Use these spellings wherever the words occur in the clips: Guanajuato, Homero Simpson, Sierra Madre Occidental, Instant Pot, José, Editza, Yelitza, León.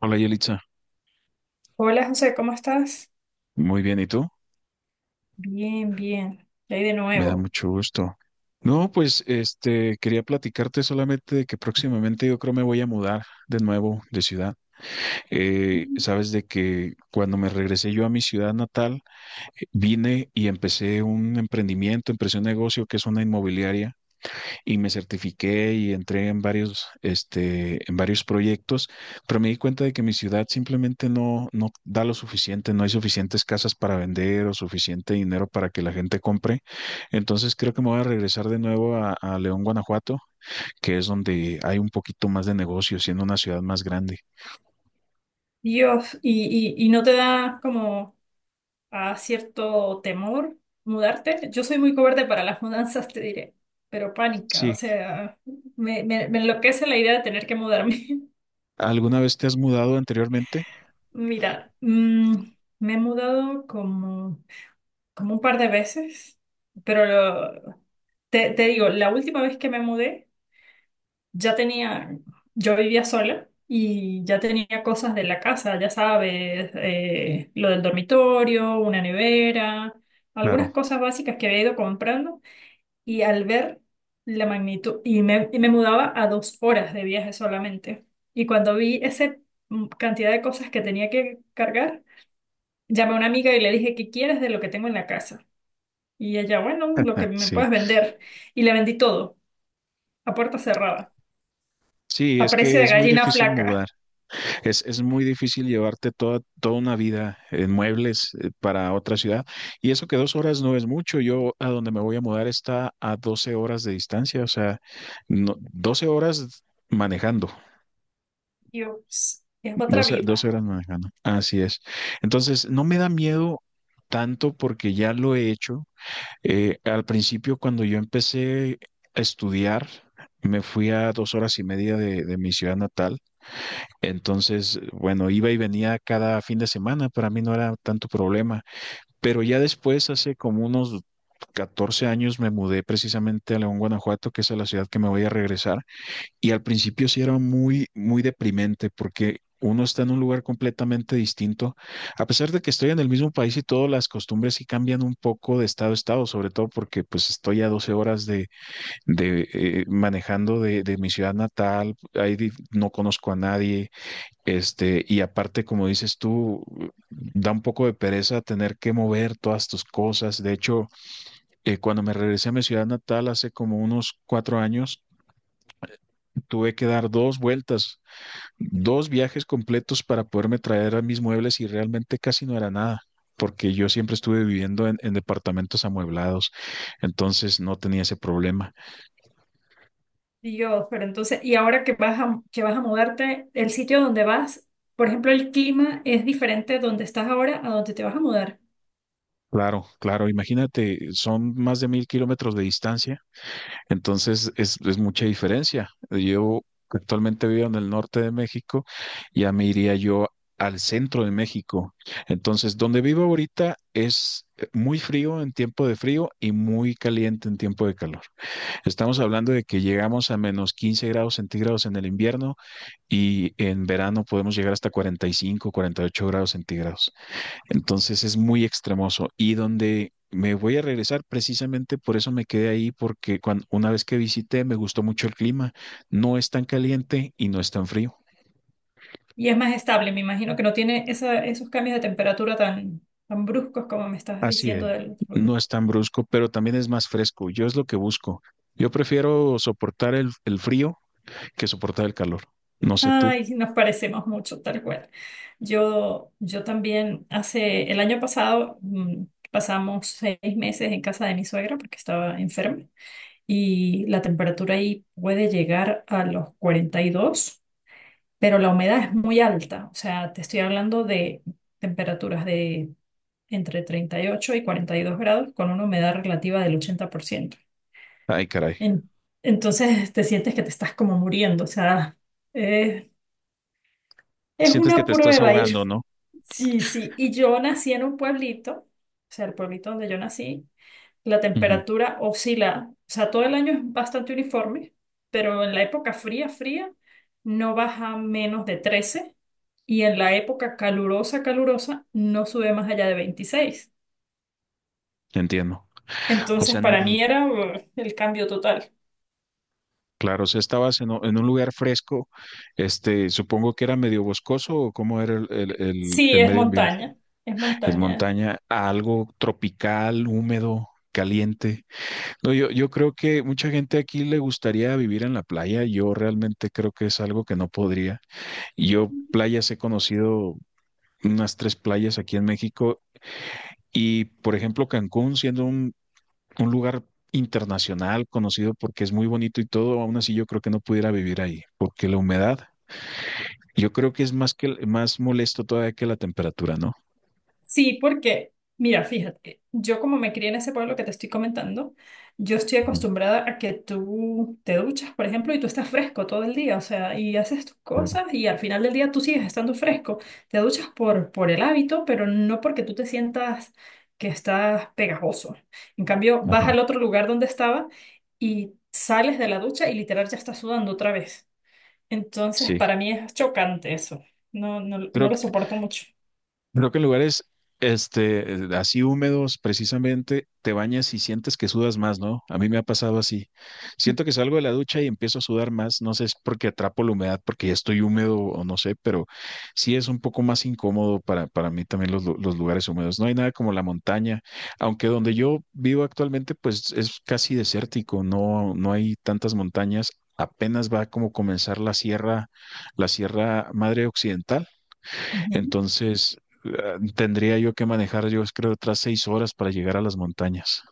Hola Yelitza, Hola José, ¿cómo estás? muy bien, ¿y tú? Bien, bien. Y ahí de Me da nuevo. mucho gusto. No, pues quería platicarte solamente de que próximamente yo creo me voy a mudar de nuevo de ciudad. Sabes de que cuando me regresé yo a mi ciudad natal, vine y empecé un emprendimiento, empecé un negocio que es una inmobiliaria. Y me certifiqué y entré en en varios proyectos, pero me di cuenta de que mi ciudad simplemente no da lo suficiente, no hay suficientes casas para vender o suficiente dinero para que la gente compre. Entonces creo que me voy a regresar de nuevo a León, Guanajuato, que es donde hay un poquito más de negocio, siendo una ciudad más grande. Dios, ¿y no te da como a cierto temor mudarte? Yo soy muy cobarde para las mudanzas, te diré, pero pánica, o Sí, sea, me enloquece la idea de tener que mudarme. ¿alguna vez te has mudado anteriormente? Mira, me he mudado como un par de veces, pero te digo, la última vez que me mudé, ya tenía, yo vivía sola y ya tenía cosas de la casa, ya sabes, lo del dormitorio, una nevera, algunas Claro, cosas básicas que había ido comprando y al ver la magnitud, y me mudaba a 2 horas de viaje solamente. Y cuando vi esa cantidad de cosas que tenía que cargar, llamé a una amiga y le dije, ¿qué quieres de lo que tengo en la casa? Y ella, bueno, lo que me sí. puedes vender. Y le vendí todo, a puerta cerrada, Sí, a es precio que de es muy gallina difícil flaca. mudar. Es muy difícil llevarte toda una vida en muebles para otra ciudad. Y eso que 2 horas no es mucho. Yo a donde me voy a mudar está a 12 horas de distancia. O sea, no, 12 horas manejando. Dios, es otra 12 vida. horas manejando. Así es. Entonces, no me da miedo tanto porque ya lo he hecho. Al principio, cuando yo empecé a estudiar, me fui a 2 horas y media de mi ciudad natal. Entonces, bueno, iba y venía cada fin de semana. Para mí no era tanto problema. Pero ya después, hace como unos 14 años, me mudé precisamente a León, Guanajuato, que es a la ciudad que me voy a regresar. Y al principio sí era muy, muy deprimente porque uno está en un lugar completamente distinto. A pesar de que estoy en el mismo país y todas las costumbres sí cambian un poco de estado a estado, sobre todo porque pues estoy a 12 horas de manejando de mi ciudad natal, ahí no conozco a nadie, y aparte, como dices tú, da un poco de pereza tener que mover todas tus cosas. De hecho, cuando me regresé a mi ciudad natal hace como unos 4 años, tuve que dar dos vueltas, dos viajes completos para poderme traer a mis muebles y realmente casi no era nada, porque yo siempre estuve viviendo en departamentos amueblados, entonces no tenía ese problema. Dios, pero entonces, y ahora que vas a mudarte, el sitio donde vas, por ejemplo, el clima es diferente donde estás ahora a donde te vas a mudar. Claro, claro, imagínate, son más de 1000 kilómetros de distancia, entonces es mucha diferencia. Yo actualmente vivo en el norte de México, ya me iría yo al centro de México. Entonces, donde vivo ahorita es muy frío en tiempo de frío y muy caliente en tiempo de calor. Estamos hablando de que llegamos a menos 15 grados centígrados en el invierno y en verano podemos llegar hasta 45, 48 grados centígrados. Entonces es muy extremoso. Y donde me voy a regresar, precisamente por eso me quedé ahí, porque una vez que visité me gustó mucho el clima. No es tan caliente y no es tan frío. Y es más estable, me imagino que no tiene esos cambios de temperatura tan bruscos como me estás Así diciendo es. del otro lugar. No es tan brusco, pero también es más fresco. Yo es lo que busco. Yo prefiero soportar el frío que soportar el calor. No sé tú. Ay, nos parecemos mucho, tal cual. Yo también, hace el año pasado, pasamos 6 meses en casa de mi suegra porque estaba enferma. Y la temperatura ahí puede llegar a los 42, pero la humedad es muy alta. O sea, te estoy hablando de temperaturas de entre 38 y 42 grados con una humedad relativa del 80%. Ay, caray. En- entonces te sientes que te estás como muriendo. O sea, eh, es Sientes que una te estás prueba ir. ahogando, ¿no? Sí, sí. Y yo nací en un pueblito, o sea, el pueblito donde yo nací. La Ujú. temperatura oscila, o sea, todo el año es bastante uniforme, pero en la época fría, fría, no baja menos de 13 y en la época calurosa, calurosa, no sube más allá de 26. Entiendo. O Entonces, sea, para mí era el cambio total. claro, o sea, estabas en un lugar fresco, supongo que era medio boscoso o cómo era el, el- el- Sí, el es medio ambiente. montaña, es Es montaña. montaña, algo tropical, húmedo, caliente. No, yo creo que mucha gente aquí le gustaría vivir en la playa. Yo realmente creo que es algo que no podría. Yo playas he conocido unas tres playas aquí en México y, por ejemplo, Cancún, siendo un lugar internacional conocido porque es muy bonito y todo, aún así yo creo que no pudiera vivir ahí, porque la humedad, yo creo que es más molesto todavía que la temperatura, ¿no? Sí, porque, mira, fíjate, yo como me crié en ese pueblo que te estoy comentando, yo estoy Ujú. acostumbrada a que tú te duchas, por ejemplo, y tú estás fresco todo el día, o sea, y haces tus cosas Claro. y al final del día tú sigues estando fresco. Te duchas por, el hábito, pero no porque tú te sientas que estás pegajoso. En cambio, vas Ajá. al otro lugar donde estaba y sales de la ducha y literal ya estás sudando otra vez. Entonces, Sí. para mí es chocante eso. No, no, no Creo, lo soporto mucho. Creo que en lugares así húmedos, precisamente, te bañas y sientes que sudas más, ¿no? A mí me ha pasado así. Siento que salgo de la ducha y empiezo a sudar más. No sé si es porque atrapo la humedad, porque ya estoy húmedo o no sé, pero sí es un poco más incómodo para mí también los, los lugares húmedos. No hay nada como la montaña, aunque donde yo vivo actualmente, pues es casi desértico, no hay tantas montañas. Apenas va como comenzar la Sierra Madre Occidental. Ujú. Entonces, tendría yo que manejar, yo creo, otras 6 horas para llegar a las montañas.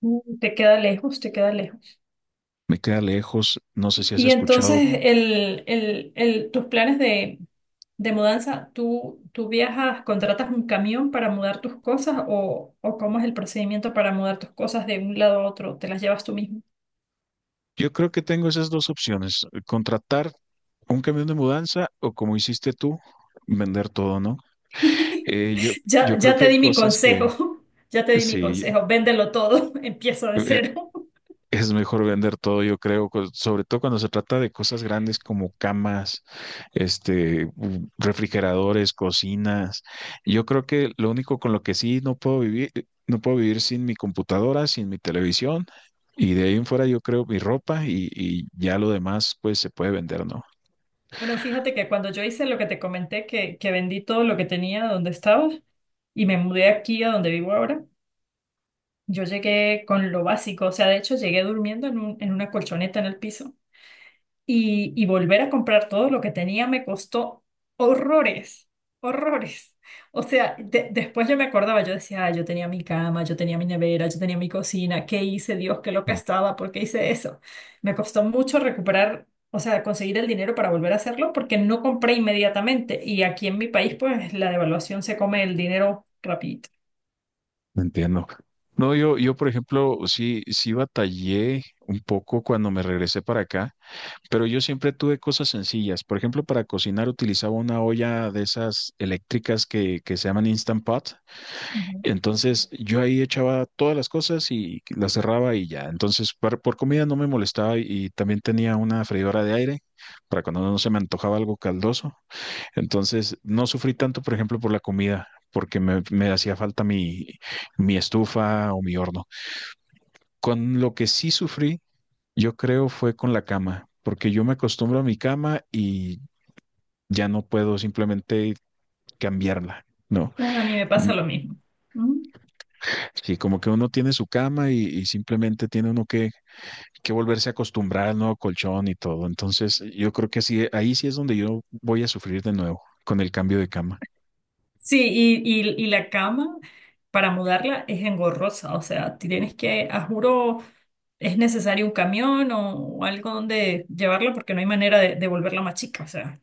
Te queda lejos, te queda lejos. Me queda lejos, no sé Y, si has y entonces, escuchado. Tus planes de mudanza, ¿tú viajas, contratas un camión para mudar tus cosas o, cómo es el procedimiento para mudar tus cosas de un lado a otro? ¿Te las llevas tú mismo? Yo creo que tengo esas dos opciones, contratar un camión de mudanza o como hiciste tú, vender todo, ¿no? Eh, yo, Ya, yo creo ya que te hay di mi cosas que, consejo, ya te di mi sí, consejo, véndelo todo, empieza de eh, cero. Es mejor vender todo, yo creo, sobre todo cuando se trata de cosas grandes como camas, refrigeradores, cocinas. Yo creo que lo único con lo que sí no puedo vivir sin mi computadora, sin mi televisión, y de ahí en fuera yo creo mi ropa y ya lo demás pues se puede vender, ¿no? Bueno, fíjate que cuando yo hice lo que te comenté, que, vendí todo lo que tenía donde estaba y me mudé aquí a donde vivo ahora. Yo llegué con lo básico, o sea, de hecho llegué durmiendo en en una colchoneta en el piso y volver a comprar todo lo que tenía me costó horrores, horrores. O sea, después yo me acordaba, yo decía, ah yo tenía mi cama, yo tenía mi nevera, yo tenía mi cocina, ¿qué hice, Dios, qué loca estaba, por qué hice eso? Me costó mucho recuperar, o sea, conseguir el dinero para volver a hacerlo porque no compré inmediatamente y aquí en mi país, pues la devaluación se come el dinero rapidito. Entiendo. No, por ejemplo, sí, sí batallé un poco cuando me regresé para acá, pero yo siempre tuve cosas sencillas. Por ejemplo, para cocinar utilizaba una olla de esas eléctricas que se llaman Instant Pot. Ujú. Entonces, yo ahí echaba todas las cosas y las cerraba y ya. Entonces, por comida no me molestaba y también tenía una freidora de aire para cuando no se me antojaba algo caldoso. Entonces, no sufrí tanto, por ejemplo, por la comida, porque me hacía falta mi estufa o mi horno. Con lo que sí sufrí, yo creo, fue con la cama, porque yo me acostumbro a mi cama y ya no puedo simplemente cambiarla. No, No, a mí me pasa mm, lo mismo. Ujú. sí, como que uno tiene su cama y simplemente tiene uno que volverse a acostumbrar al nuevo colchón y todo. Entonces, yo creo que sí, ahí sí es donde yo voy a sufrir de nuevo con el cambio de cama. Sí, y, y la cama para mudarla es engorrosa, o sea, tienes que, a juro, es necesario un camión o, algo donde llevarla porque no hay manera de volverla más chica, o sea.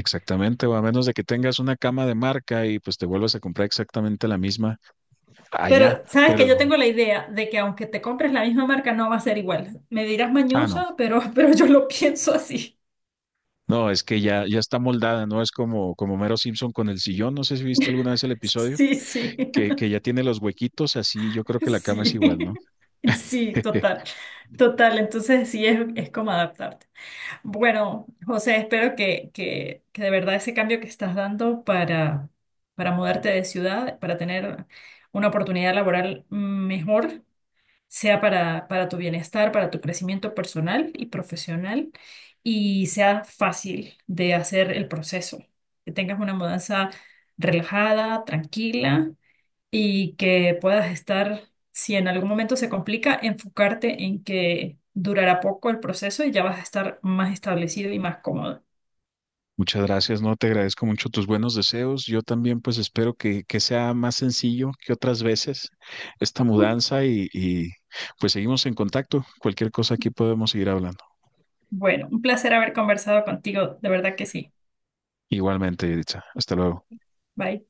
Exactamente, o a menos de que tengas una cama de marca y pues te vuelvas a comprar exactamente la misma Pero allá, sabes que pero yo tengo la idea de que aunque te compres la misma marca, no va a ser igual. Me dirás ah, no, mañosa, pero, pero yo lo pienso así. no, es que ya está moldada, no es como Homero Simpson con el sillón, no sé si viste alguna vez el episodio Sí, sí, que ya tiene los huequitos así, yo creo que la cama es sí, igual, ¿no? sí, total, total. Entonces sí es, como adaptarte. Bueno, José, espero que de verdad ese cambio que estás dando para mudarte de ciudad, para tener una oportunidad laboral mejor, sea para tu bienestar, para tu crecimiento personal y profesional, y sea fácil de hacer el proceso, que tengas una mudanza relajada, tranquila y que puedas estar, si en algún momento se complica, enfocarte en que durará poco el proceso y ya vas a estar más establecido y más cómodo. Muchas gracias, no, te agradezco mucho tus buenos deseos. Yo también pues espero que sea más sencillo que otras veces esta mudanza y pues seguimos en contacto. Cualquier cosa aquí podemos seguir hablando. Bueno, un placer haber conversado contigo, de verdad que sí. Igualmente, Editza, hasta luego. Bye.